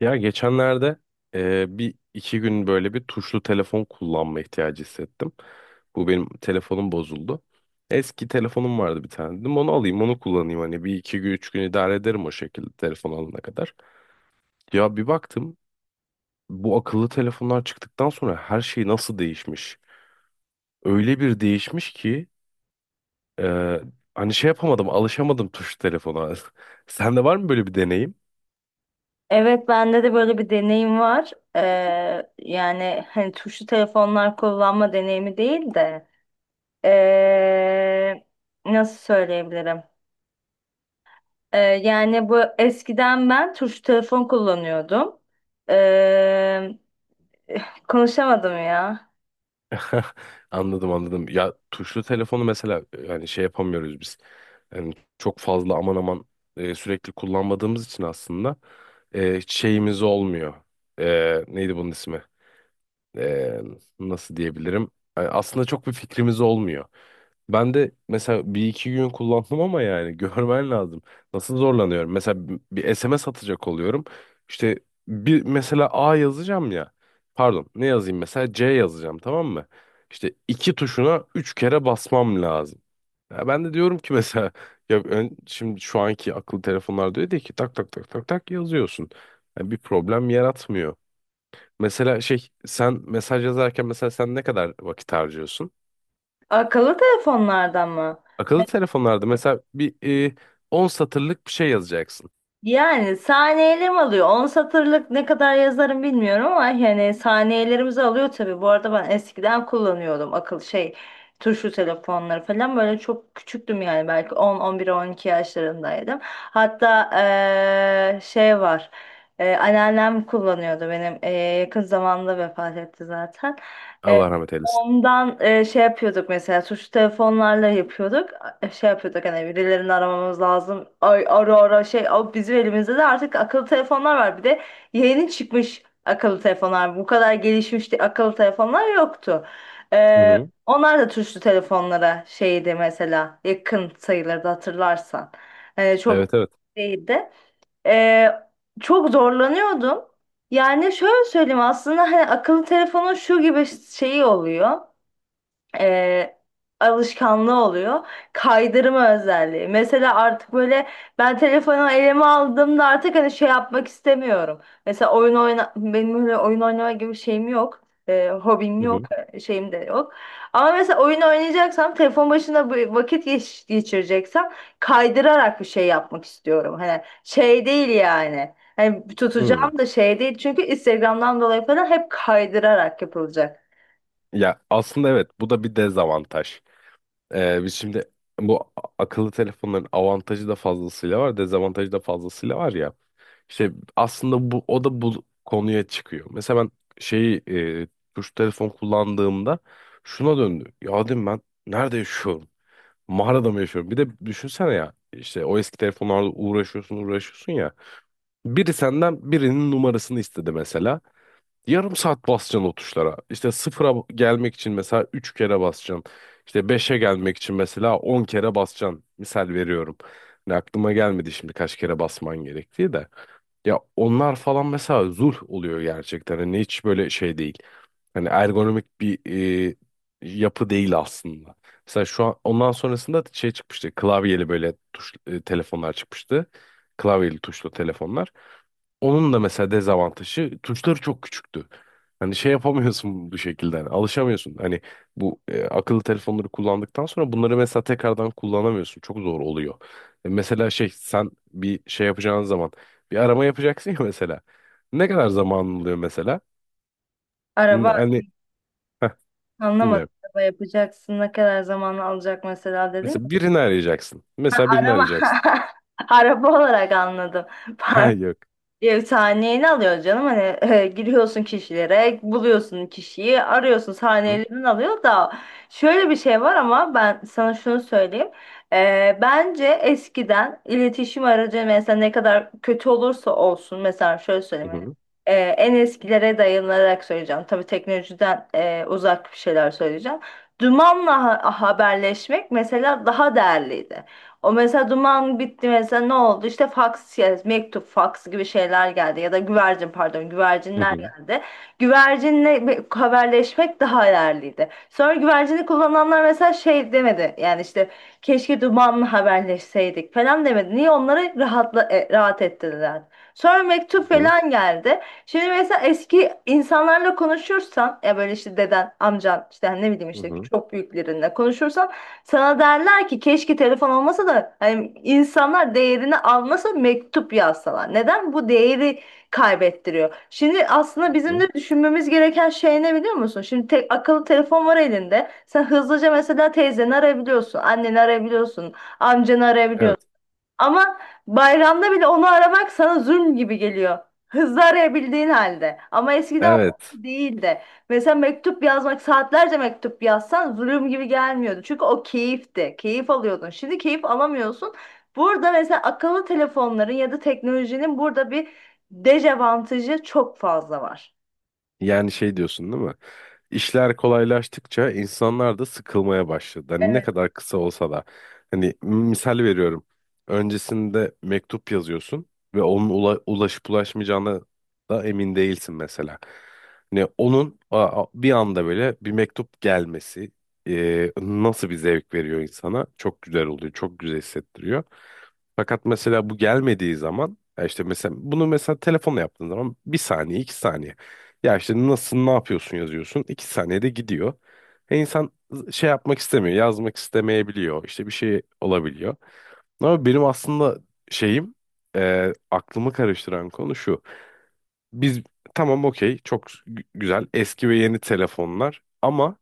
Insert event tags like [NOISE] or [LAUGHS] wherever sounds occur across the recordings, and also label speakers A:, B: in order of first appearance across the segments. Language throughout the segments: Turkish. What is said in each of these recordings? A: Ya geçenlerde bir iki gün böyle bir tuşlu telefon kullanma ihtiyacı hissettim. Bu benim telefonum bozuldu. Eski telefonum vardı bir tane. Dedim onu alayım onu kullanayım hani bir iki gün üç gün idare ederim o şekilde telefon alana kadar. Ya bir baktım bu akıllı telefonlar çıktıktan sonra her şey nasıl değişmiş. Öyle bir değişmiş ki e, hani şey yapamadım alışamadım tuşlu telefona. [LAUGHS] Sende var mı böyle bir deneyim?
B: Evet bende de böyle bir deneyim var. Yani hani tuşlu telefonlar kullanma deneyimi değil de ee, nasıl söyleyebilirim? Yani bu eskiden ben tuşlu telefon kullanıyordum. Ee, [SIGHS] [LAUGHS] Konuşamadım ya.
A: [LAUGHS] Anladım anladım. Ya tuşlu telefonu mesela yani şey yapamıyoruz biz. Yani çok fazla aman aman sürekli kullanmadığımız için aslında hiç şeyimiz olmuyor. E, neydi bunun ismi? e, Nasıl diyebilirim? Yani aslında çok bir fikrimiz olmuyor. Ben de mesela bir iki gün kullandım ama yani [LAUGHS] görmen lazım. Nasıl zorlanıyorum. Mesela bir SMS atacak oluyorum. İşte bir mesela A yazacağım ya. Pardon ne yazayım mesela C yazacağım tamam mı? İşte iki tuşuna üç kere basmam lazım. Ya ben de diyorum ki mesela [LAUGHS] ya şimdi şu anki akıllı telefonlar diyor diye ki tak tak tak tak tak yazıyorsun. Yani bir problem yaratmıyor. Mesela şey sen mesaj yazarken mesela sen ne kadar vakit harcıyorsun?
B: Akıllı telefonlardan mı?
A: Akıllı telefonlarda mesela bir e, 10 satırlık bir şey yazacaksın.
B: Yani saniyelerim alıyor. 10 satırlık ne kadar yazarım bilmiyorum ama yani saniyelerimizi alıyor tabii. Bu arada ben eskiden kullanıyordum şey tuşlu telefonları falan böyle çok küçüktüm yani belki 10, 11, 12 yaşlarındaydım. Hatta şey var anneannem kullanıyordu benim yakın zamanda vefat etti zaten.
A: Allah rahmet eylesin.
B: Ondan şey yapıyorduk mesela tuşlu telefonlarla yapıyorduk. Şey yapıyorduk hani birilerini aramamız lazım. Ay ara ara şey o bizim elimizde de artık akıllı telefonlar var. Bir de yeni çıkmış akıllı telefonlar. Bu kadar akıllı telefonlar yoktu.
A: Hı
B: E,
A: hı.
B: Onlar da tuşlu telefonlara şeydi mesela yakın sayılırdı hatırlarsan. Çok
A: Evet evet.
B: değildi. E, Çok zorlanıyordum. Yani şöyle söyleyeyim aslında hani akıllı telefonun şu gibi şeyi oluyor, e, alışkanlığı oluyor. Kaydırma özelliği. Mesela artık böyle ben telefonu elime aldığımda artık hani şey yapmak istemiyorum. Mesela oyun oyna benim öyle oyun oynama gibi bir şeyim yok. Hobim
A: Hı
B: yok,
A: hı.
B: şeyim de yok. Ama mesela oyun oynayacaksam, telefon başında geçireceksem kaydırarak bir şey yapmak istiyorum. Hani şey değil yani. Hani
A: Hı.
B: tutacağım da şey değil çünkü Instagram'dan dolayı falan hep kaydırarak yapılacak.
A: Ya aslında evet bu da bir dezavantaj. Biz şimdi bu akıllı telefonların avantajı da fazlasıyla var, dezavantajı da fazlasıyla var ya. İşte aslında bu o da bu konuya çıkıyor. Mesela ben şeyi e, tuş telefon kullandığımda şuna döndü. Ya dedim ben nerede yaşıyorum? Mağarada mı yaşıyorum? Bir de düşünsene ya işte o eski telefonlarla uğraşıyorsun ya. Biri senden birinin numarasını istedi mesela. Yarım saat basacaksın o tuşlara. İşte sıfıra gelmek için mesela 3 kere basacaksın. İşte beşe gelmek için mesela 10 kere basacaksın. Misal veriyorum. Yani aklıma gelmedi şimdi kaç kere basman gerektiği de. Ya onlar falan mesela zul oluyor gerçekten. Hani hiç böyle şey değil. Hani ergonomik bir e, yapı değil aslında. Mesela şu an ondan sonrasında şey çıkmıştı. Klavyeli böyle tuş telefonlar çıkmıştı. Klavyeli tuşlu telefonlar. Onun da mesela dezavantajı tuşları çok küçüktü. Hani şey yapamıyorsun bu şekilde. Hani alışamıyorsun. Hani bu akıllı telefonları kullandıktan sonra bunları mesela tekrardan kullanamıyorsun. Çok zor oluyor. E, mesela şey sen bir şey yapacağın zaman bir arama yapacaksın ya [LAUGHS] mesela. Ne kadar zaman oluyor mesela?
B: Araba.
A: Hani heh,
B: Anlamadım.
A: dinliyorum.
B: Araba yapacaksın. Ne kadar zaman alacak mesela dedin.
A: Mesela birini arayacaksın. Mesela birini
B: Araba.
A: arayacaksın.
B: [LAUGHS] Araba olarak anladım. [LAUGHS]
A: [LAUGHS] Ha
B: Pardon.
A: yok.
B: Bir sahneyini alıyor canım hani [LAUGHS] giriyorsun kişilere buluyorsun kişiyi arıyorsun
A: Hı hı.
B: sahnelerini alıyor da şöyle bir şey var ama ben sana şunu söyleyeyim. Bence eskiden iletişim aracı mesela ne kadar kötü olursa olsun mesela şöyle
A: Hı
B: söyleyeyim hani,
A: hı.
B: en eskilere dayanarak söyleyeceğim tabii teknolojiden uzak bir şeyler söyleyeceğim, dumanla haberleşmek mesela daha değerliydi. O mesela duman bitti mesela ne oldu? İşte fax, yani mektup, fax gibi şeyler geldi ya da güvercin pardon
A: Hı
B: güvercinler
A: hı.
B: geldi. Güvercinle bir haberleşmek daha değerliydi. Sonra güvercini kullananlar mesela şey demedi. Yani işte keşke dumanla haberleşseydik falan demedi. Niye onları rahatla, rahat ettirdiler. Sonra
A: Hı
B: mektup
A: hı.
B: falan geldi. Şimdi mesela eski insanlarla konuşursan ya böyle işte deden, amcan işte hani ne bileyim
A: Hı
B: işte
A: hı.
B: çok büyüklerinle konuşursan sana derler ki keşke telefon olmasa da hani insanlar değerini anlasa mektup yazsalar. Neden bu değeri kaybettiriyor? Şimdi
A: Hı
B: aslında bizim
A: hı.
B: de düşünmemiz gereken şey ne biliyor musun? Şimdi tek akıllı telefon var elinde. Sen hızlıca mesela teyzeni arayabiliyorsun, anneni arayabiliyorsun, amcanı
A: Evet.
B: arayabiliyorsun. Ama bayramda bile onu aramak sana zulm gibi geliyor. Hızlı arayabildiğin halde. Ama eskiden o
A: Evet.
B: değildi. Mesela mektup yazmak, saatlerce mektup yazsan zulüm gibi gelmiyordu. Çünkü o keyifti. Keyif alıyordun. Şimdi keyif alamıyorsun. Burada mesela akıllı telefonların ya da teknolojinin burada bir dezavantajı çok fazla var.
A: Yani şey diyorsun değil mi? İşler kolaylaştıkça insanlar da sıkılmaya başladı. Hani ne kadar kısa olsa da. Hani misal veriyorum. Öncesinde mektup yazıyorsun ve onun ulaşıp ulaşmayacağına da emin değilsin mesela. Hani onun bir anda böyle bir mektup gelmesi nasıl bir zevk veriyor insana? Çok güzel oluyor, çok güzel hissettiriyor. Fakat mesela bu gelmediği zaman ya işte mesela bunu mesela telefonla yaptığın zaman bir saniye, iki saniye. Ya işte nasılsın, ne yapıyorsun yazıyorsun. İki saniyede gidiyor. E insan şey yapmak istemiyor, yazmak istemeyebiliyor. İşte bir şey olabiliyor. Ama benim aslında şeyim, aklımı karıştıran konu şu. Biz tamam okey, çok güzel eski ve yeni telefonlar ama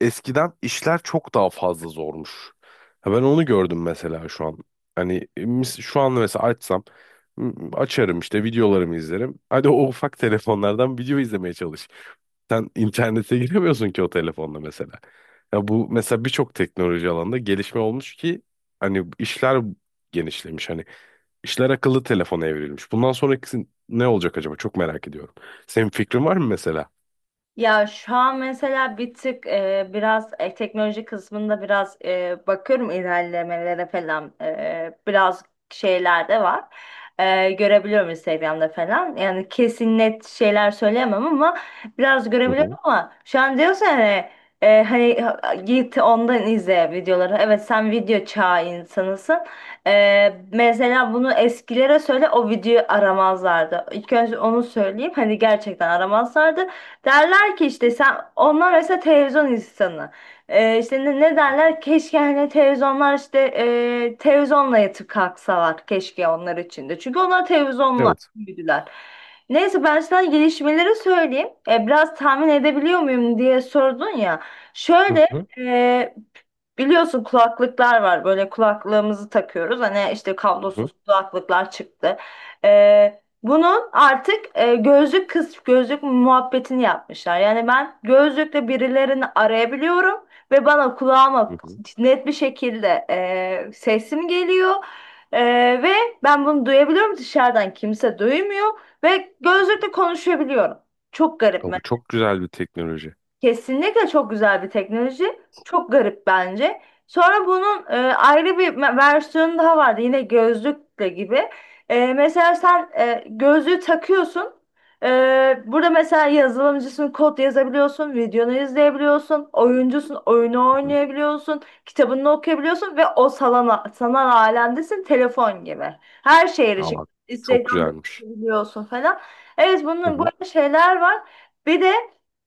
A: eskiden işler çok daha fazla zormuş. Ha, ben onu gördüm mesela şu an. Hani şu an mesela açsam açarım işte videolarımı izlerim. Hadi o ufak telefonlardan video izlemeye çalış. Sen internete [LAUGHS] giremiyorsun ki o telefonla mesela. Ya bu mesela birçok teknoloji alanında gelişme olmuş ki hani işler genişlemiş. Hani İşler akıllı telefona evrilmiş. Bundan sonrakisi ne olacak acaba? Çok merak ediyorum. Senin fikrin var mı mesela?
B: Ya şu an mesela bir tık biraz teknoloji kısmında biraz bakıyorum ilerlemelere falan. Biraz şeyler de var. Görebiliyorum Instagram'da falan. Yani kesin net şeyler söyleyemem ama biraz
A: Hı
B: görebiliyorum
A: hı.
B: ama şu an diyorsun hani hani git ondan izle videoları. Evet sen video çağı insanısın. Mesela bunu eskilere söyle o videoyu aramazlardı. İlk önce onu söyleyeyim hani gerçekten aramazlardı. Derler ki işte sen onlar mesela televizyon insanı. İşte ne, ne
A: Hı hı.
B: derler? Keşke hani televizyonlar işte televizyonla yatıp kalksalar keşke onlar için de. Çünkü onlar televizyonla
A: Evet.
B: büyüdüler. Neyse ben sana gelişmeleri söyleyeyim. Biraz tahmin edebiliyor muyum diye sordun ya.
A: Hı
B: Şöyle,
A: hı.
B: e, biliyorsun kulaklıklar var böyle kulaklığımızı takıyoruz hani işte
A: Hı hı.
B: kablosuz kulaklıklar çıktı. Bunun artık gözlük kız gözlük muhabbetini yapmışlar. Yani ben gözlükle birilerini arayabiliyorum ve bana
A: Hı
B: kulağıma
A: hı.
B: net bir şekilde sesim geliyor. E, Ve
A: Hı
B: ben
A: hı.
B: bunu duyabiliyorum dışarıdan kimse duymuyor ve
A: Hı hı.
B: gözlükle konuşabiliyorum. Çok garip.
A: Aa, bu çok güzel bir teknoloji.
B: Kesinlikle çok güzel bir teknoloji. Çok garip bence. Sonra bunun versiyonu daha vardı. Yine gözlükle gibi. Mesela sen gözlüğü takıyorsun. E, Burada mesela yazılımcısın, kod yazabiliyorsun, videonu izleyebiliyorsun, oyuncusun, oyunu
A: Hı hı.
B: oynayabiliyorsun, kitabını okuyabiliyorsun ve o salana, sanal alemdesin telefon gibi. Her şeye
A: Aa,
B: erişip
A: bak, çok
B: Instagram'da
A: güzelmiş.
B: bakabiliyorsun falan. Evet
A: Hı
B: bunun
A: hı.
B: böyle şeyler var. Bir de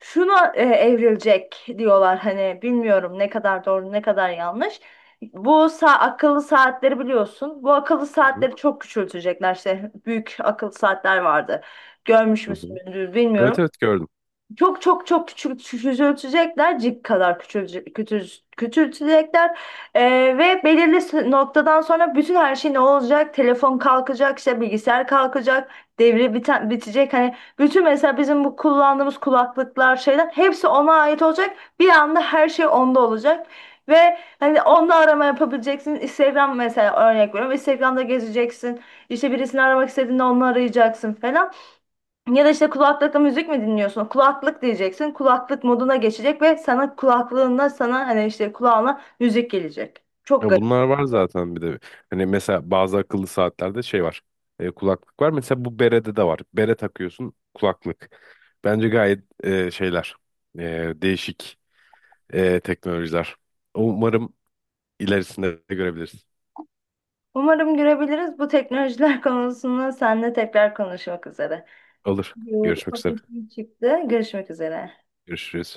B: şuna evrilecek diyorlar hani bilmiyorum ne kadar doğru ne kadar yanlış. Bu akıllı saatleri biliyorsun. Bu akıllı
A: Hı hı.
B: saatleri çok küçültecekler işte büyük akıllı saatler vardı. Görmüş
A: Hı
B: müsün
A: hı. Evet
B: bilmiyorum.
A: evet gördüm.
B: Çok çok çok küçük küçültecekler, cik kadar küçülecek, küçültecekler. Ee, Ve belirli noktadan sonra bütün her şey ne olacak? Telefon kalkacak, işte bilgisayar kalkacak, devre biten, bitecek. Hani bütün mesela bizim bu kullandığımız kulaklıklar, şeyler hepsi ona ait olacak. Bir anda her şey onda olacak. Ve hani onda arama yapabileceksin. Instagram mesela örnek veriyorum. Instagram'da gezeceksin. İşte birisini aramak istediğinde onu arayacaksın falan. Ya da işte kulaklıkla müzik mi dinliyorsun? Kulaklık diyeceksin. Kulaklık moduna geçecek ve sana kulaklığında sana hani işte kulağına müzik gelecek. Çok
A: Ya
B: garip.
A: bunlar var zaten bir de. Hani mesela bazı akıllı saatlerde şey var. Kulaklık var. Mesela bu berede de var. Bere takıyorsun kulaklık. Bence gayet şeyler. Değişik teknolojiler. Umarım ilerisinde de görebiliriz.
B: Umarım görebiliriz. Bu teknolojiler [LAUGHS] konusunda seninle tekrar konuşmak üzere.
A: Olur.
B: Bir
A: Görüşmek
B: ufak
A: üzere.
B: işim çıktı. Görüşmek üzere.
A: Görüşürüz.